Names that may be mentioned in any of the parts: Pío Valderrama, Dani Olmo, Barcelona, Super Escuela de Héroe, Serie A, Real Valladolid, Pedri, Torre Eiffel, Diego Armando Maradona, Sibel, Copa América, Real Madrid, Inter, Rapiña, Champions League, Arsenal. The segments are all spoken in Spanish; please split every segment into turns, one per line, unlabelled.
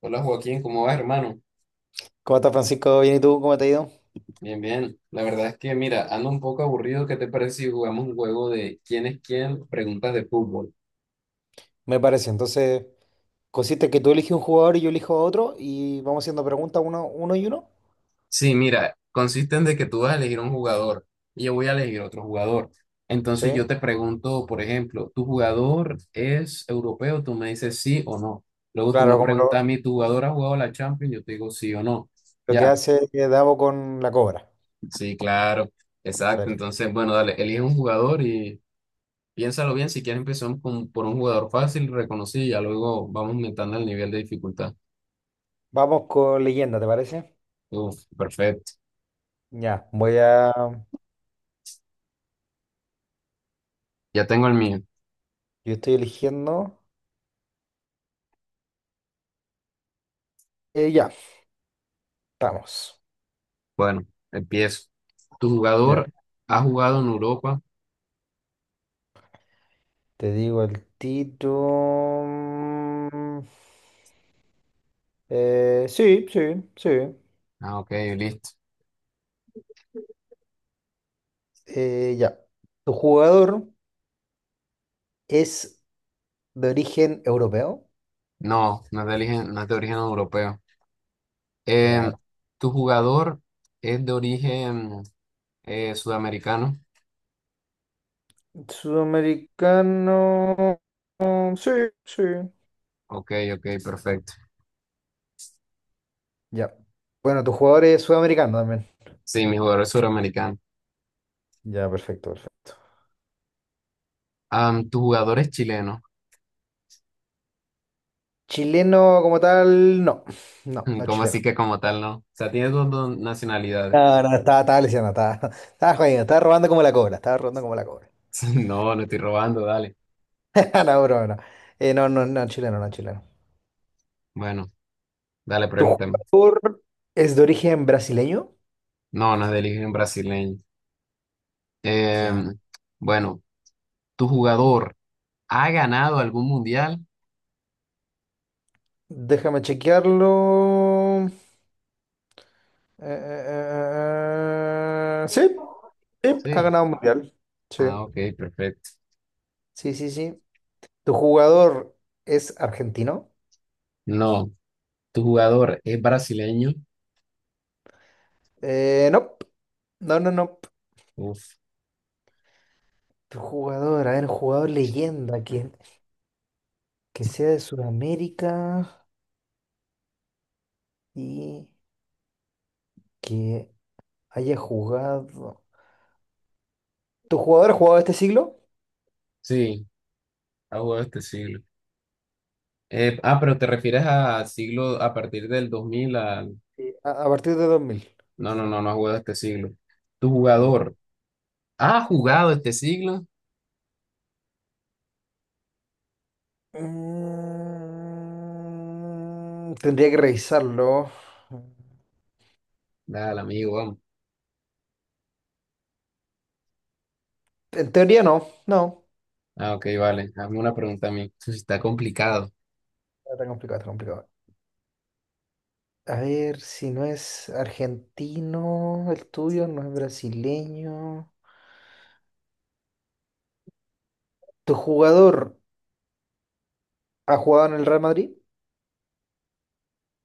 Hola Joaquín, ¿cómo vas, hermano?
¿Cómo estás, Francisco? Bien, ¿y tú? ¿Cómo te ha ido?
Bien, bien. La verdad es que, mira, ando un poco aburrido. ¿Qué te parece si jugamos un juego de quién es quién? Preguntas de fútbol.
Me parece. Entonces, consiste que tú eliges un jugador y yo elijo a otro y vamos haciendo preguntas uno, uno y uno.
Sí, mira, consiste en de que tú vas a elegir un jugador y yo voy a elegir otro jugador. Entonces
Sí.
yo te pregunto, por ejemplo, ¿tu jugador es europeo? Tú me dices sí o no. Luego tú me
Claro, como
preguntas a
lo,
mí, ¿tu jugador ha jugado la Champions? Yo te digo sí o no.
lo que
Ya.
hace Davo con la cobra.
Sí, claro. Exacto.
Perfecto.
Entonces, bueno, dale, elige un jugador y. Piénsalo bien, si quieres empezamos con, por un jugador fácil, reconocido, y ya luego vamos aumentando el nivel de dificultad.
Vamos con leyenda, ¿te parece?
Uf, perfecto.
Ya. voy a...
Ya tengo el mío.
Yo estoy eligiendo... Ya, estamos.
Bueno, empiezo. ¿Tu
Ya.
jugador ha jugado en Europa?
Te digo el título... Sí, sí, sí.
Ah, ok, listo.
Ya. Tu jugador es de origen europeo.
No, no es de origen europeo. Em,
Ya,
¿Tu jugador es de origen sudamericano?
sudamericano. Sí, sí.
Ok, ok, perfecto.
Ya. Bueno, tu jugador es sudamericano también.
Sí, mi jugador es sudamericano.
Ya, perfecto, perfecto.
¿Tu jugador es chileno?
Chileno como tal, no. No, no es
¿Cómo así
chileno.
que como tal no? O sea, tiene dos nacionalidades.
No, no, no, estaba, estaba lesionado, estaba, estaba jodido, estaba robando como la cobra, estaba robando como la cobra.
No, no estoy robando, dale.
No, broma, no. No, no, no, chileno, no, chileno.
Bueno, dale,
¿Tu
pregúntame.
jugador es de origen brasileño?
No, no es de origen brasileño. Eh,
Ya.
bueno, ¿tu jugador ha ganado algún mundial?
Déjame chequearlo. Eh, eh, sí. Sí, ha
Sí.
ganado un mundial. Sí,
Ah, ok, perfecto.
sí, sí, sí. ¿Tu jugador es argentino?
No, ¿tu jugador es brasileño?
No, no, no, no.
Uf,
Tu jugador, a ver, jugador leyenda, que sea de Sudamérica y que haya jugado. ¿Tu jugador ha jugado este siglo?
sí, ha jugado este siglo. Pero te refieres a siglo a partir del 2000 al...
Sí. A partir de 2000.
No, no, no, no ha jugado este siglo. ¿Tu
Ya.
jugador ha jugado este siglo?
Tendría que revisarlo.
Dale, amigo, vamos.
En teoría no, no.
Ah, ok, vale. Hazme una pregunta a mí. Eso sí está complicado.
Está complicado, está complicado. A ver, si no es argentino el tuyo, no es brasileño. ¿Tu jugador ha jugado en el Real Madrid?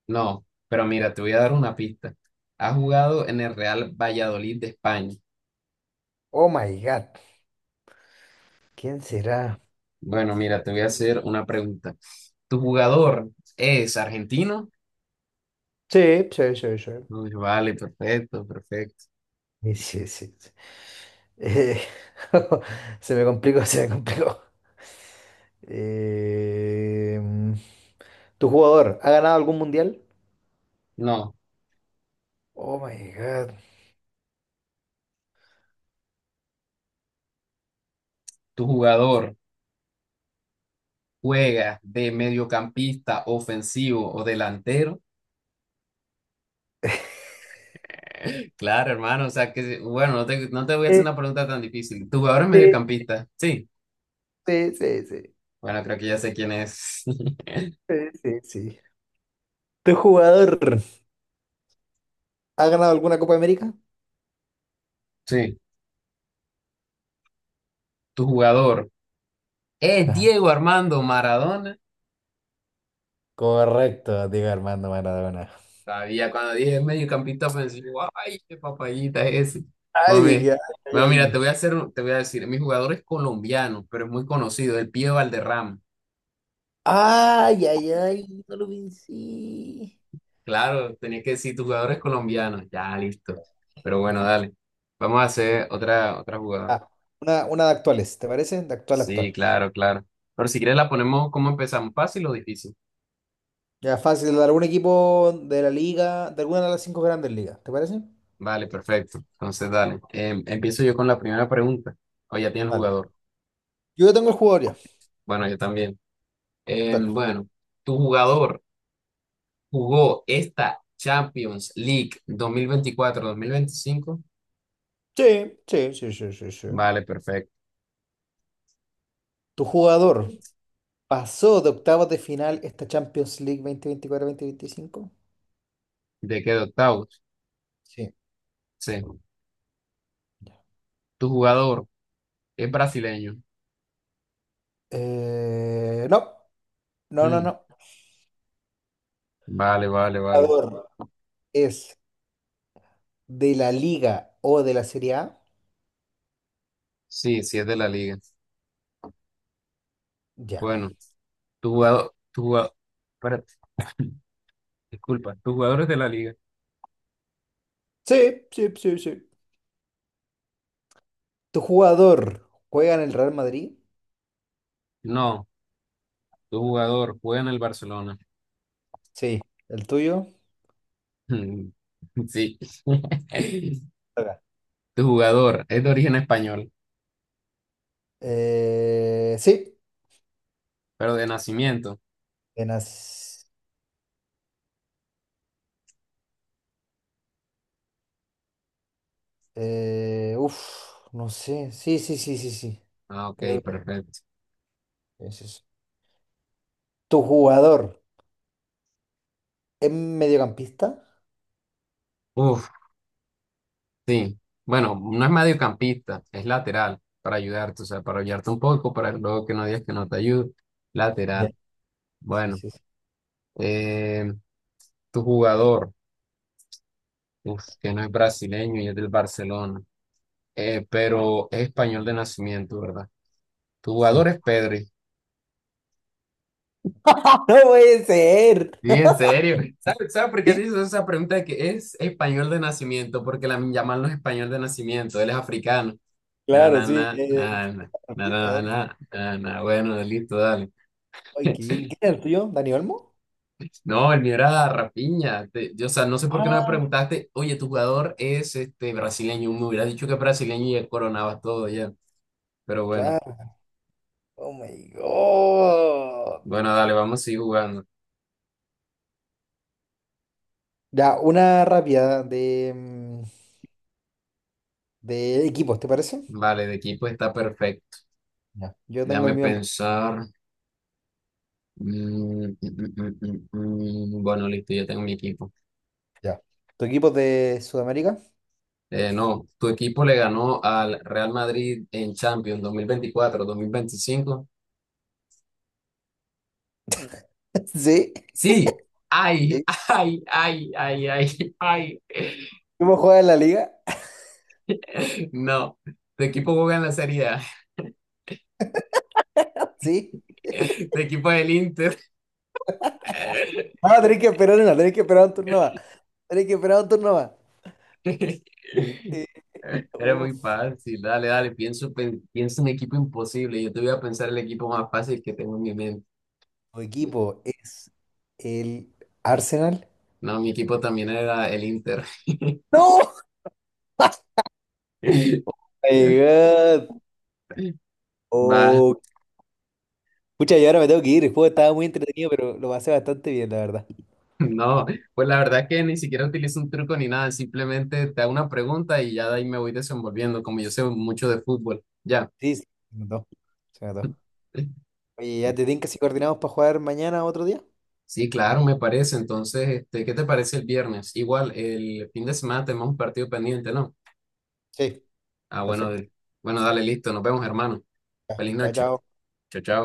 No, pero mira, te voy a dar una pista. Ha jugado en el Real Valladolid de España.
Oh my God. ¿Quién será?
Bueno, mira, te voy a hacer una pregunta. ¿Tu jugador es argentino?
Sí, sí, sí, sí.
Uy, vale, perfecto, perfecto.
Sí, sí, sí, sí. Eh, se me complicó, se me complicó. Eh, mm, ¿Tu jugador ha ganado algún mundial?
No,
Oh my God.
¿tu jugador juega de mediocampista ofensivo o delantero? Claro, hermano, o sea que, bueno, no te voy a
Sí,
hacer una pregunta tan difícil. ¿Tu jugador es
sí,
mediocampista? Sí.
sí, sí, sí,
Bueno, creo que ya sé quién es.
sí, sí, sí. ¿Tu jugador ha ganado alguna Copa América?
Sí. ¿Tu jugador es
No.
Diego Armando Maradona?
Correcto, Diego Armando Maradona.
Sabía, cuando dije mediocampista ofensivo, ay, qué papayita es ese.
Ay,
Mami,
dije, ay, ay,
bueno, mira,
ay.
te voy a decir, mi jugador es colombiano, pero es muy conocido, el Pío Valderrama.
Ay, ay, ay, no lo vencí.
Claro, tenías que decir, tu jugador es colombiano. Ya, listo. Pero bueno, dale. Vamos a hacer otra jugada.
Ah, una de actuales, ¿te parece? De actual,
Sí,
actual.
claro, claro. Pero si quieres la ponemos, ¿cómo empezamos? ¿Fácil o difícil?
Ya fácil, de algún equipo de la liga, de alguna de las cinco grandes ligas, ¿te parece?
Vale, perfecto. Entonces, dale. Empiezo yo con la primera pregunta. O ya tiene el
Dale.
jugador.
Yo ya tengo el jugador ya.
Bueno, yo también.
Dale.
Bueno, tu jugador jugó esta Champions League 2024, mil veinticinco.
Sí, sí, sí, sí, sí, sí.
Vale, perfecto.
¿Tu jugador pasó de octavos de final esta Champions League 2024 veinticinco?
¿De qué de octavos?
Sí.
Sí. ¿Tu jugador es brasileño?
No, no, no,
Mm,
no.
Vale, vale, vale.
¿Jugador es de la Liga o de la Serie A?
Sí, sí es de la liga.
Ya.
Bueno, tu jugador, espérate, disculpa, ¿tu jugador es de la liga?
Sí, sí, sí, sí. ¿Tu jugador juega en el Real Madrid?
No, tu jugador juega en el Barcelona.
Sí. ¿El tuyo?
Mm, Sí.
Acá.
Tu jugador es de origen español,
Sí.
pero de nacimiento.
En as- eh, uf, no sé. Sí, sí, sí, sí, sí.
Ah, ok,
Creo
perfecto.
que es eso. ¿Tu jugador es mediocampista?
Uf, sí, bueno, no es mediocampista, es lateral para ayudarte, o sea, para ayudarte un poco, para luego que no digas que no te ayudo.
Ya.
Lateral,
Sí,
bueno,
sí, sí.
eh, tu jugador, uf, que no es brasileño y es del Barcelona, pero es español de nacimiento, ¿verdad? Tu
Sí.
jugador es Pedri.
No puede ser.
Sí, en serio. ¿Sabes, sabes por qué te
Sí,
hice esa pregunta de que es español de nacimiento? Porque la llaman los español de nacimiento, él es africano. Na,
claro,
na,
sí.
na, na, na, na,
¿De
na, na,
dónde?
na, na, na. Bueno, listo, dale.
Ay, qué bien. ¿Quién es el tuyo? ¿Dani Olmo?
No, el mío era Rapiña. O sea, no sé por qué no me
Ah,
preguntaste, oye, tu jugador es este brasileño. Me hubiera dicho que es brasileño y ya coronabas todo ya. Pero bueno,
claro. Oh my God.
bueno, dale, vamos a seguir jugando.
Ya, una rápida de equipos, ¿te parece?
Vale, de equipo está perfecto.
Ya. Yo tengo el
Déjame
mío en mente.
pensar. Mm. Bueno, listo, ya tengo mi equipo.
Ya. ¿Tu equipo es de Sudamérica?
No, tu equipo le ganó al Real Madrid en Champions 2024, 2025.
Sí,
Sí, ay,
sí.
ay, ay, ay, ay, ay.
¿Cómo juega en la liga?
No, tu equipo juega en la Serie A,
Sí.
tu equipo es el Inter.
Ah, tenés que esperar un turno más. Tenés que esperar un turno más. Eh,
Era muy
uf,
fácil, dale, dale, pienso en equipo imposible. Yo te voy a pensar el equipo más fácil que tengo en mi mente.
¿Tu equipo es el Arsenal?
No, mi equipo también era el Inter.
¡No! Oh my God.
Va,
Oh, pucha, yo ahora me tengo que ir. El juego estaba muy entretenido, pero lo pasé bastante bien, la verdad.
no, pues la verdad que ni siquiera utilizo un truco ni nada, simplemente te hago una pregunta y ya de ahí me voy desenvolviendo, como yo sé mucho de fútbol. Ya.
Sí, sí, me encantó. Se me Oye, ya te que si coordinamos para jugar mañana o otro día.
Sí, claro, me parece. Entonces, este, ¿qué te parece el viernes? Igual, el fin de semana tenemos un partido pendiente, ¿no?
Sí,
Ah,
perfecto.
bueno, dale, listo. Nos vemos, hermano.
Ya,
Feliz
chao,
noche.
chao.
Chao, chao.